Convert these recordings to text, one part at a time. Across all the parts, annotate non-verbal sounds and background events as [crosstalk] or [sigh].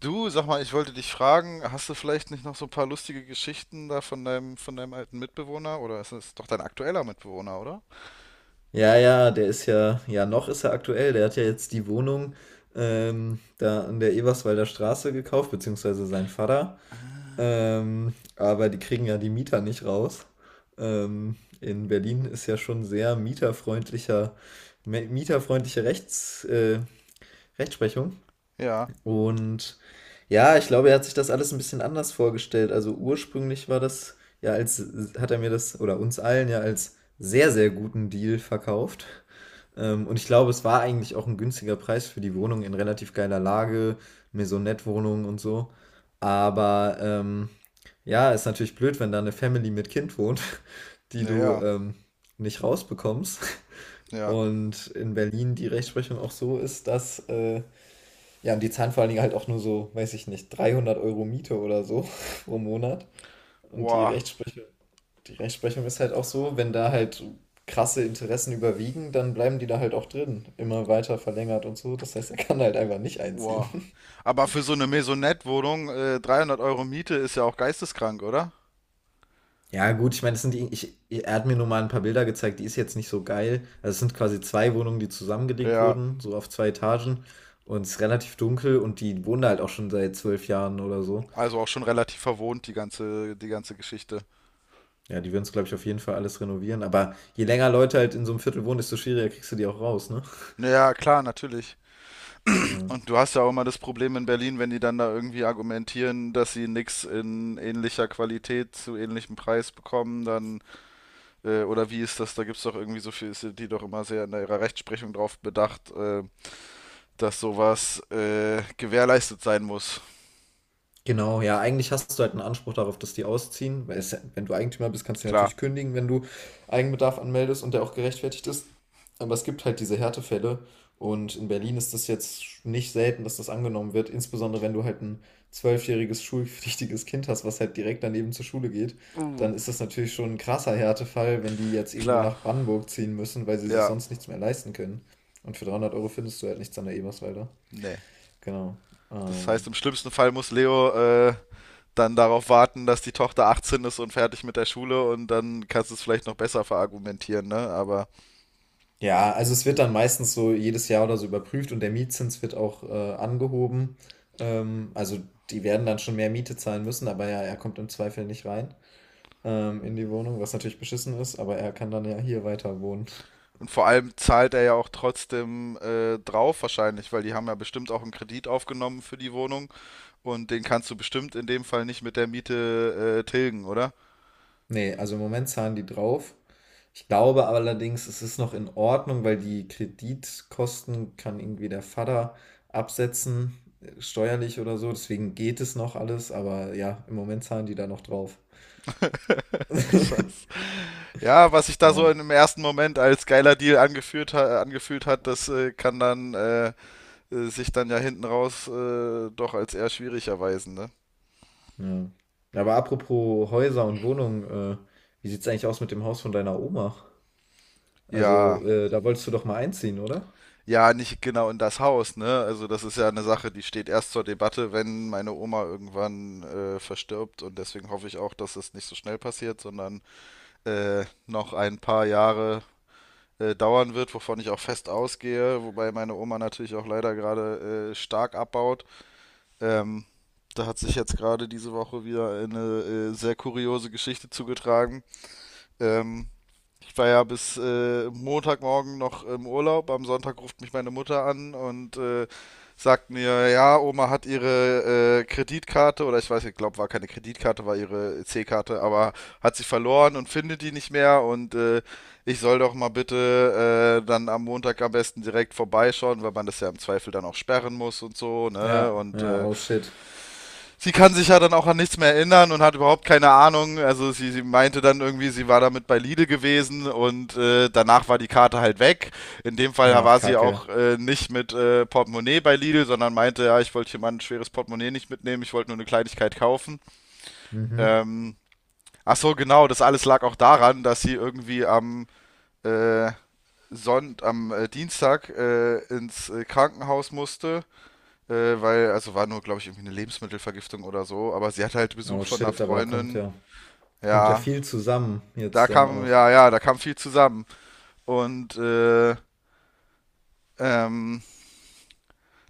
Du, sag mal, ich wollte dich fragen, hast du vielleicht nicht noch so ein paar lustige Geschichten da von deinem alten Mitbewohner? Oder ist es doch dein aktueller Mitbewohner, oder? Ja, ja, der ist ja ja, noch ist er aktuell. Der hat ja jetzt die Wohnung, da an der Eberswalder Straße gekauft, beziehungsweise sein Vater. Aber die kriegen ja die Mieter nicht raus. Ähm, in Berlin ist ja schon sehr mieterfreundliche Rechtsprechung. Ja, Und ja, ich glaube, er hat sich das alles ein bisschen anders vorgestellt. Also ursprünglich war das ja als, hat er mir das oder uns allen ja als sehr, sehr guten Deal verkauft. Und ich glaube, es war eigentlich auch ein günstiger Preis für die Wohnung in relativ geiler Lage, Maisonette-Wohnung und so. Aber ja, ist natürlich blöd, wenn da eine Family mit Kind wohnt, [laughs] die du naja, nicht rausbekommst. ja. Und in Berlin die Rechtsprechung auch so ist, dass ja, und die zahlen vor allen Dingen halt auch nur so, weiß ich nicht, 300 Euro Miete oder so [laughs] pro Monat. Und die Boah, Rechtsprechung, die Rechtsprechung ist halt auch so, wenn da halt krasse Interessen überwiegen, dann bleiben die da halt auch drin. Immer weiter verlängert und so. Das heißt, er kann halt einfach nicht einziehen. boah. [laughs] Aber für so eine Maisonette-Wohnung, 300 € Miete ist ja auch geisteskrank, oder? Ja, gut, ich meine, das sind die, ich, er hat mir nur mal ein paar Bilder gezeigt, die ist jetzt nicht so geil. Also es sind quasi zwei Wohnungen, die zusammengelegt Ja, wurden, so auf zwei Etagen. Und es ist relativ dunkel und die wohnen da halt auch schon seit 12 Jahren oder so. also auch schon relativ verwohnt, die ganze Geschichte. Ja, die würden es, glaube ich, auf jeden Fall alles renovieren. Aber je länger Leute halt in so einem Viertel wohnen, desto schwieriger kriegst du die auch raus, ne? Naja, klar, natürlich. Ja. Und du hast ja auch immer das Problem in Berlin, wenn die dann da irgendwie argumentieren, dass sie nichts in ähnlicher Qualität zu ähnlichem Preis bekommen, dann... oder wie ist das? Da gibt es doch irgendwie so viel, sind die doch immer sehr in ihrer Rechtsprechung drauf bedacht, dass sowas gewährleistet sein muss. Genau, ja, eigentlich hast du halt einen Anspruch darauf, dass die ausziehen, weil es, ja, wenn du Eigentümer bist, kannst du ja Klar. natürlich kündigen, wenn du Eigenbedarf anmeldest und der auch gerechtfertigt ist. Aber es gibt halt diese Härtefälle und in Berlin ist das jetzt nicht selten, dass das angenommen wird, insbesondere wenn du halt ein zwölfjähriges schulpflichtiges Kind hast, was halt direkt daneben zur Schule geht, Uh, dann ist das natürlich schon ein krasser Härtefall, wenn die jetzt irgendwo klar. nach Brandenburg ziehen müssen, weil sie sich Ja, sonst nichts mehr leisten können. Und für 300 Euro findest du halt nichts an der Eberswalder. nee. Genau. Das heißt, Ähm, im schlimmsten Fall muss Leo dann darauf warten, dass die Tochter 18 ist und fertig mit der Schule, und dann kannst du es vielleicht noch besser verargumentieren, ne? Aber Ja, also es wird dann meistens so jedes Jahr oder so überprüft und der Mietzins wird auch angehoben. Also die werden dann schon mehr Miete zahlen müssen, aber ja, er kommt im Zweifel nicht rein in die Wohnung, was natürlich beschissen ist, aber er kann dann ja hier weiter wohnen. [laughs] und vor allem zahlt er ja auch trotzdem drauf wahrscheinlich, weil die haben ja bestimmt auch einen Kredit aufgenommen für die Wohnung. Und den kannst du bestimmt in dem Fall nicht mit der Miete tilgen, oder? Nee, also im Moment zahlen die drauf. Ich glaube allerdings, es ist noch in Ordnung, weil die Kreditkosten kann irgendwie der Vater absetzen, steuerlich oder so. Deswegen geht es noch alles, aber ja, im Moment zahlen die da noch drauf. [laughs] Scheiße. Ja, was sich da so Ja. im ersten Moment als geiler Deal angeführt ha angefühlt hat, das kann dann sich dann ja hinten raus doch als eher schwierig erweisen, ne? Ja. Ja, aber apropos Häuser und Wohnungen, wie sieht's eigentlich aus mit dem Haus von deiner Oma? Also, Ja. Da wolltest du doch mal einziehen, oder? Ja, nicht genau in das Haus, ne? Also das ist ja eine Sache, die steht erst zur Debatte, wenn meine Oma irgendwann verstirbt. Und deswegen hoffe ich auch, dass es nicht so schnell passiert, sondern noch ein paar Jahre dauern wird, wovon ich auch fest ausgehe, wobei meine Oma natürlich auch leider gerade stark abbaut. Ähm, Da hat sich jetzt gerade diese Woche wieder eine sehr kuriose Geschichte zugetragen. Ähm, Ich war ja bis Montagmorgen noch im Urlaub. Am Sonntag ruft mich meine Mutter an und sagt mir: ja, Oma hat ihre Kreditkarte, oder ich weiß, ich glaube, war keine Kreditkarte, war ihre C-Karte, aber hat sie verloren und findet die nicht mehr, und ich soll doch mal bitte dann am Montag am besten direkt vorbeischauen, weil man das ja im Zweifel dann auch sperren muss und so, ne? Ja, Und ja, oh shit. sie kann sich ja dann auch an nichts mehr erinnern und hat überhaupt keine Ahnung. Also sie meinte dann irgendwie, sie war damit bei Lidl gewesen und danach war die Karte halt weg. In dem Fall Ach, war sie auch Kacke. Nicht mit Portemonnaie bei Lidl, sondern meinte: ja, ich wollte hier mal ein schweres Portemonnaie nicht mitnehmen, ich wollte nur eine Kleinigkeit kaufen. Mhm. Ähm, ach so, genau, das alles lag auch daran, dass sie irgendwie am äh, Sonnt am Dienstag ins Krankenhaus musste, weil, also war nur, glaube ich, irgendwie eine Lebensmittelvergiftung oder so, aber sie hatte halt Oh Besuch von einer shit, aber da Freundin. Kommt ja Ja, viel zusammen jetzt dann auch. ja, ja, da kam viel zusammen. Und ähm,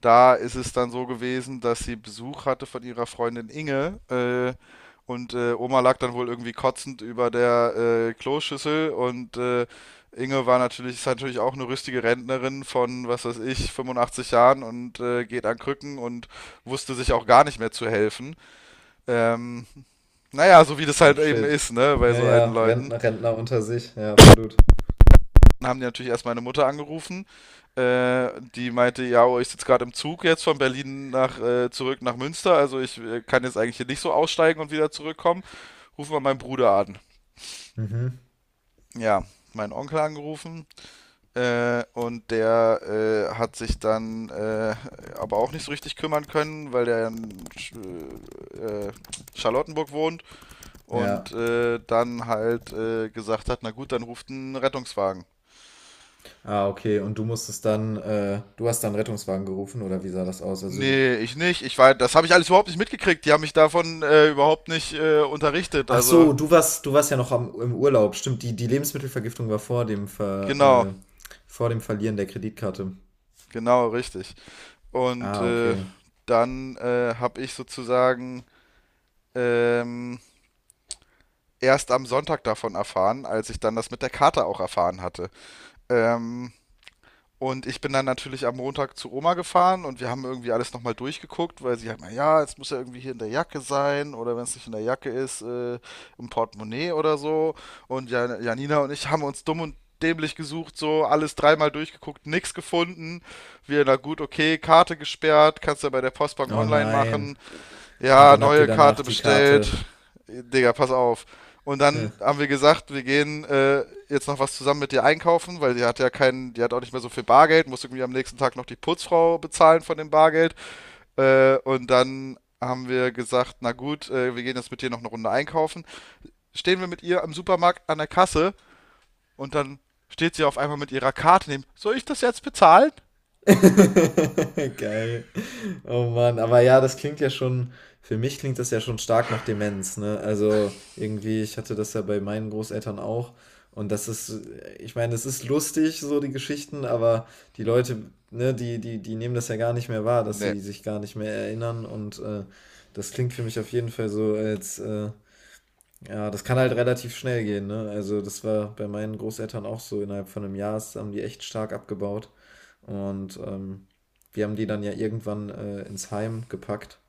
da ist es dann so gewesen, dass sie Besuch hatte von ihrer Freundin Inge. Und Oma lag dann wohl irgendwie kotzend über der Kloschüssel, und ist natürlich auch eine rüstige Rentnerin von, was weiß ich, 85 Jahren und geht an Krücken und wusste sich auch gar nicht mehr zu helfen. Ähm, Naja, so wie das Oh halt eben shit. ist, ne, bei Ja, so ja, alten Leuten. Rentner, Rentner unter sich, ja, absolut. Dann haben die natürlich erst meine Mutter angerufen. Die meinte: ja, oh, ich sitze gerade im Zug jetzt von Berlin nach, zurück nach Münster. Also ich kann jetzt eigentlich hier nicht so aussteigen und wieder zurückkommen. Ruf mal meinen Bruder an. Mhm. Ja, meinen Onkel angerufen. Und der hat sich dann aber auch nicht so richtig kümmern können, weil der in Sch Charlottenburg wohnt Ja. und dann halt gesagt hat: na gut, dann ruft ein Rettungswagen. Ah, okay. Und du musstest dann, du hast dann Rettungswagen gerufen, oder wie sah das aus? Also, du, Nee, ich nicht. Ich war, das habe ich alles überhaupt nicht mitgekriegt. Die haben mich davon überhaupt nicht unterrichtet. ach Also so, du warst ja noch am, im Urlaub. Stimmt, die Lebensmittelvergiftung war vor dem genau, vor dem Verlieren der Kreditkarte. genau, richtig. Und Ah, äh, okay. dann äh, habe ich sozusagen ähm, erst am Sonntag davon erfahren, als ich dann das mit der Karte auch erfahren hatte. Ähm, Und ich bin dann natürlich am Montag zu Oma gefahren, und wir haben irgendwie alles nochmal durchgeguckt, weil sie halt mal, ja, es muss ja irgendwie hier in der Jacke sein, oder wenn es nicht in der Jacke ist, im Portemonnaie oder so. Und Janina und ich haben uns dumm und dämlich gesucht, so alles dreimal durchgeguckt, nichts gefunden. Na gut, okay, Karte gesperrt, kannst du ja bei der Postbank Oh online nein. machen, Und ja, dann habt ihr neue danach Karte die bestellt. Karte. Digga, pass auf. Und Äh. dann haben wir gesagt, wir gehen jetzt noch was zusammen mit dir einkaufen, weil die hat ja keinen, die hat auch nicht mehr so viel Bargeld, muss irgendwie am nächsten Tag noch die Putzfrau bezahlen von dem Bargeld. Und dann haben wir gesagt: na gut, wir gehen jetzt mit dir noch eine Runde einkaufen. Stehen wir mit ihr am Supermarkt an der Kasse, und dann steht sie auf einmal mit ihrer Karte neben. Soll ich das jetzt bezahlen? [laughs] Geil. Oh Mann, aber ja, das klingt ja schon, für mich klingt das ja schon stark nach Demenz, ne? Also irgendwie, ich hatte das ja bei meinen Großeltern auch. Und das ist, ich meine, es ist lustig, so die Geschichten, aber die Leute, ne, die nehmen das ja gar nicht mehr wahr, dass Nee. sie sich gar nicht mehr erinnern. Und das klingt für mich auf jeden Fall so, als ja, das kann halt relativ schnell gehen, ne? Also, das war bei meinen Großeltern auch so. Innerhalb von einem Jahr haben die echt stark abgebaut. Und wir haben die dann ja irgendwann ins Heim gepackt.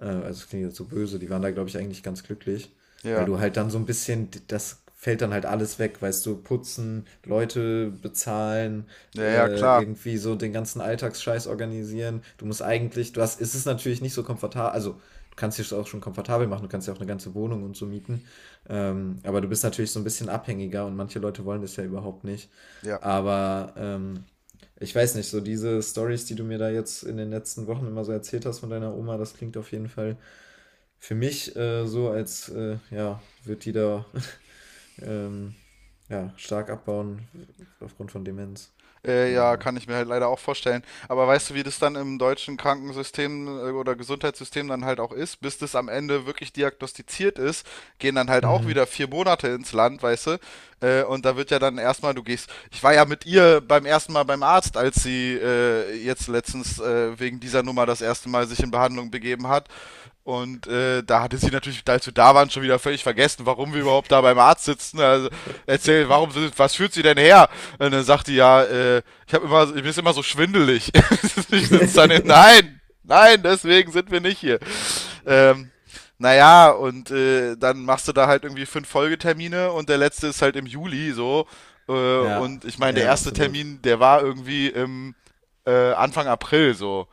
Also es klingt jetzt so böse, die waren da, glaube ich, eigentlich ganz glücklich, weil Ja. du halt dann so ein bisschen, das fällt dann halt alles weg, weißt du, putzen, Leute bezahlen, Ja, ja, klar. irgendwie so den ganzen Alltagsscheiß organisieren. Du musst eigentlich, du hast, es ist natürlich nicht so komfortabel, also du kannst dich auch schon komfortabel machen, du kannst ja auch eine ganze Wohnung und so mieten, aber du bist natürlich so ein bisschen abhängiger und manche Leute wollen das ja überhaupt nicht. Ja. Aber ich weiß nicht, so diese Stories, die du mir da jetzt in den letzten Wochen immer so erzählt hast von deiner Oma, das klingt auf jeden Fall für mich so, als ja, wird die da [laughs] ähm, ja, stark abbauen aufgrund von Demenz oder Ja, so. kann ich mir halt leider auch vorstellen. Aber weißt du, wie das dann im deutschen Krankensystem oder Gesundheitssystem dann halt auch ist? Bis das am Ende wirklich diagnostiziert ist, gehen dann halt auch Hm. wieder 4 Monate ins Land, weißt du? Und da wird ja dann erstmal, du gehst. Ich war ja mit ihr beim ersten Mal beim Arzt, als sie jetzt letztens wegen dieser Nummer das erste Mal sich in Behandlung begeben hat. Und da hatte sie natürlich, als wir da waren, schon wieder völlig vergessen, warum wir überhaupt da beim Arzt sitzen. Also erzähl, was führt sie denn her? Und dann sagt die ja, ich habe immer, mir ist immer so schwindelig. [laughs] Ich sitze dann in, [laughs] nein, nein, deswegen sind wir nicht hier. Ähm, naja, und dann machst du da halt irgendwie 5 Folgetermine, und der letzte ist halt im Juli so. Äh, Ja, und ich meine, der ja, erste absolut. Termin, der war irgendwie im Anfang April so.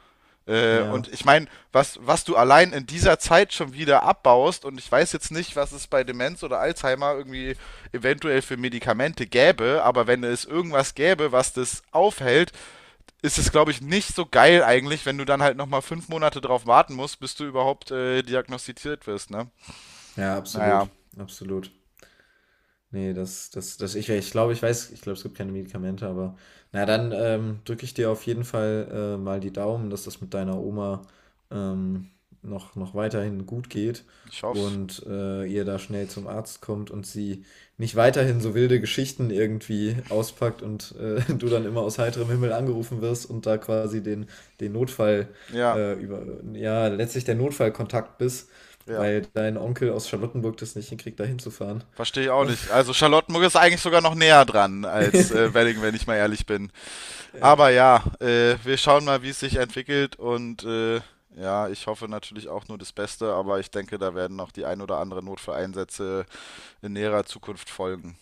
Und Ja, ich meine, was du allein in dieser Zeit schon wieder abbaust, und ich weiß jetzt nicht, was es bei Demenz oder Alzheimer irgendwie eventuell für Medikamente gäbe, aber wenn es irgendwas gäbe, was das aufhält, ist es, glaube ich, nicht so geil eigentlich, wenn du dann halt nochmal 5 Monate drauf warten musst, bis du überhaupt diagnostiziert wirst, ne? ja, Naja, absolut, absolut. Nee, das ich glaube, ich glaube, es gibt keine Medikamente, aber na dann, drücke ich dir auf jeden Fall, mal die Daumen, dass das mit deiner Oma, ähm, noch weiterhin gut geht ich hoff's. und, ihr da schnell zum Arzt kommt und sie nicht weiterhin so wilde Geschichten irgendwie auspackt und, [laughs] du dann immer aus heiterem Himmel angerufen wirst und da quasi den den Notfall, Ja, über ja, letztlich der Notfallkontakt bist, ja. weil dein Onkel aus Charlottenburg das nicht hinkriegt, da hinzufahren. Verstehe ich auch nicht. Also Charlottenburg ist eigentlich sogar noch näher dran als Welling, [laughs] wenn ich mal ehrlich bin. Aber Ja. ja, wir schauen mal, wie es sich entwickelt, und ja, ich hoffe natürlich auch nur das Beste, aber ich denke, da werden noch die ein oder andere Notfalleinsätze in näherer Zukunft folgen.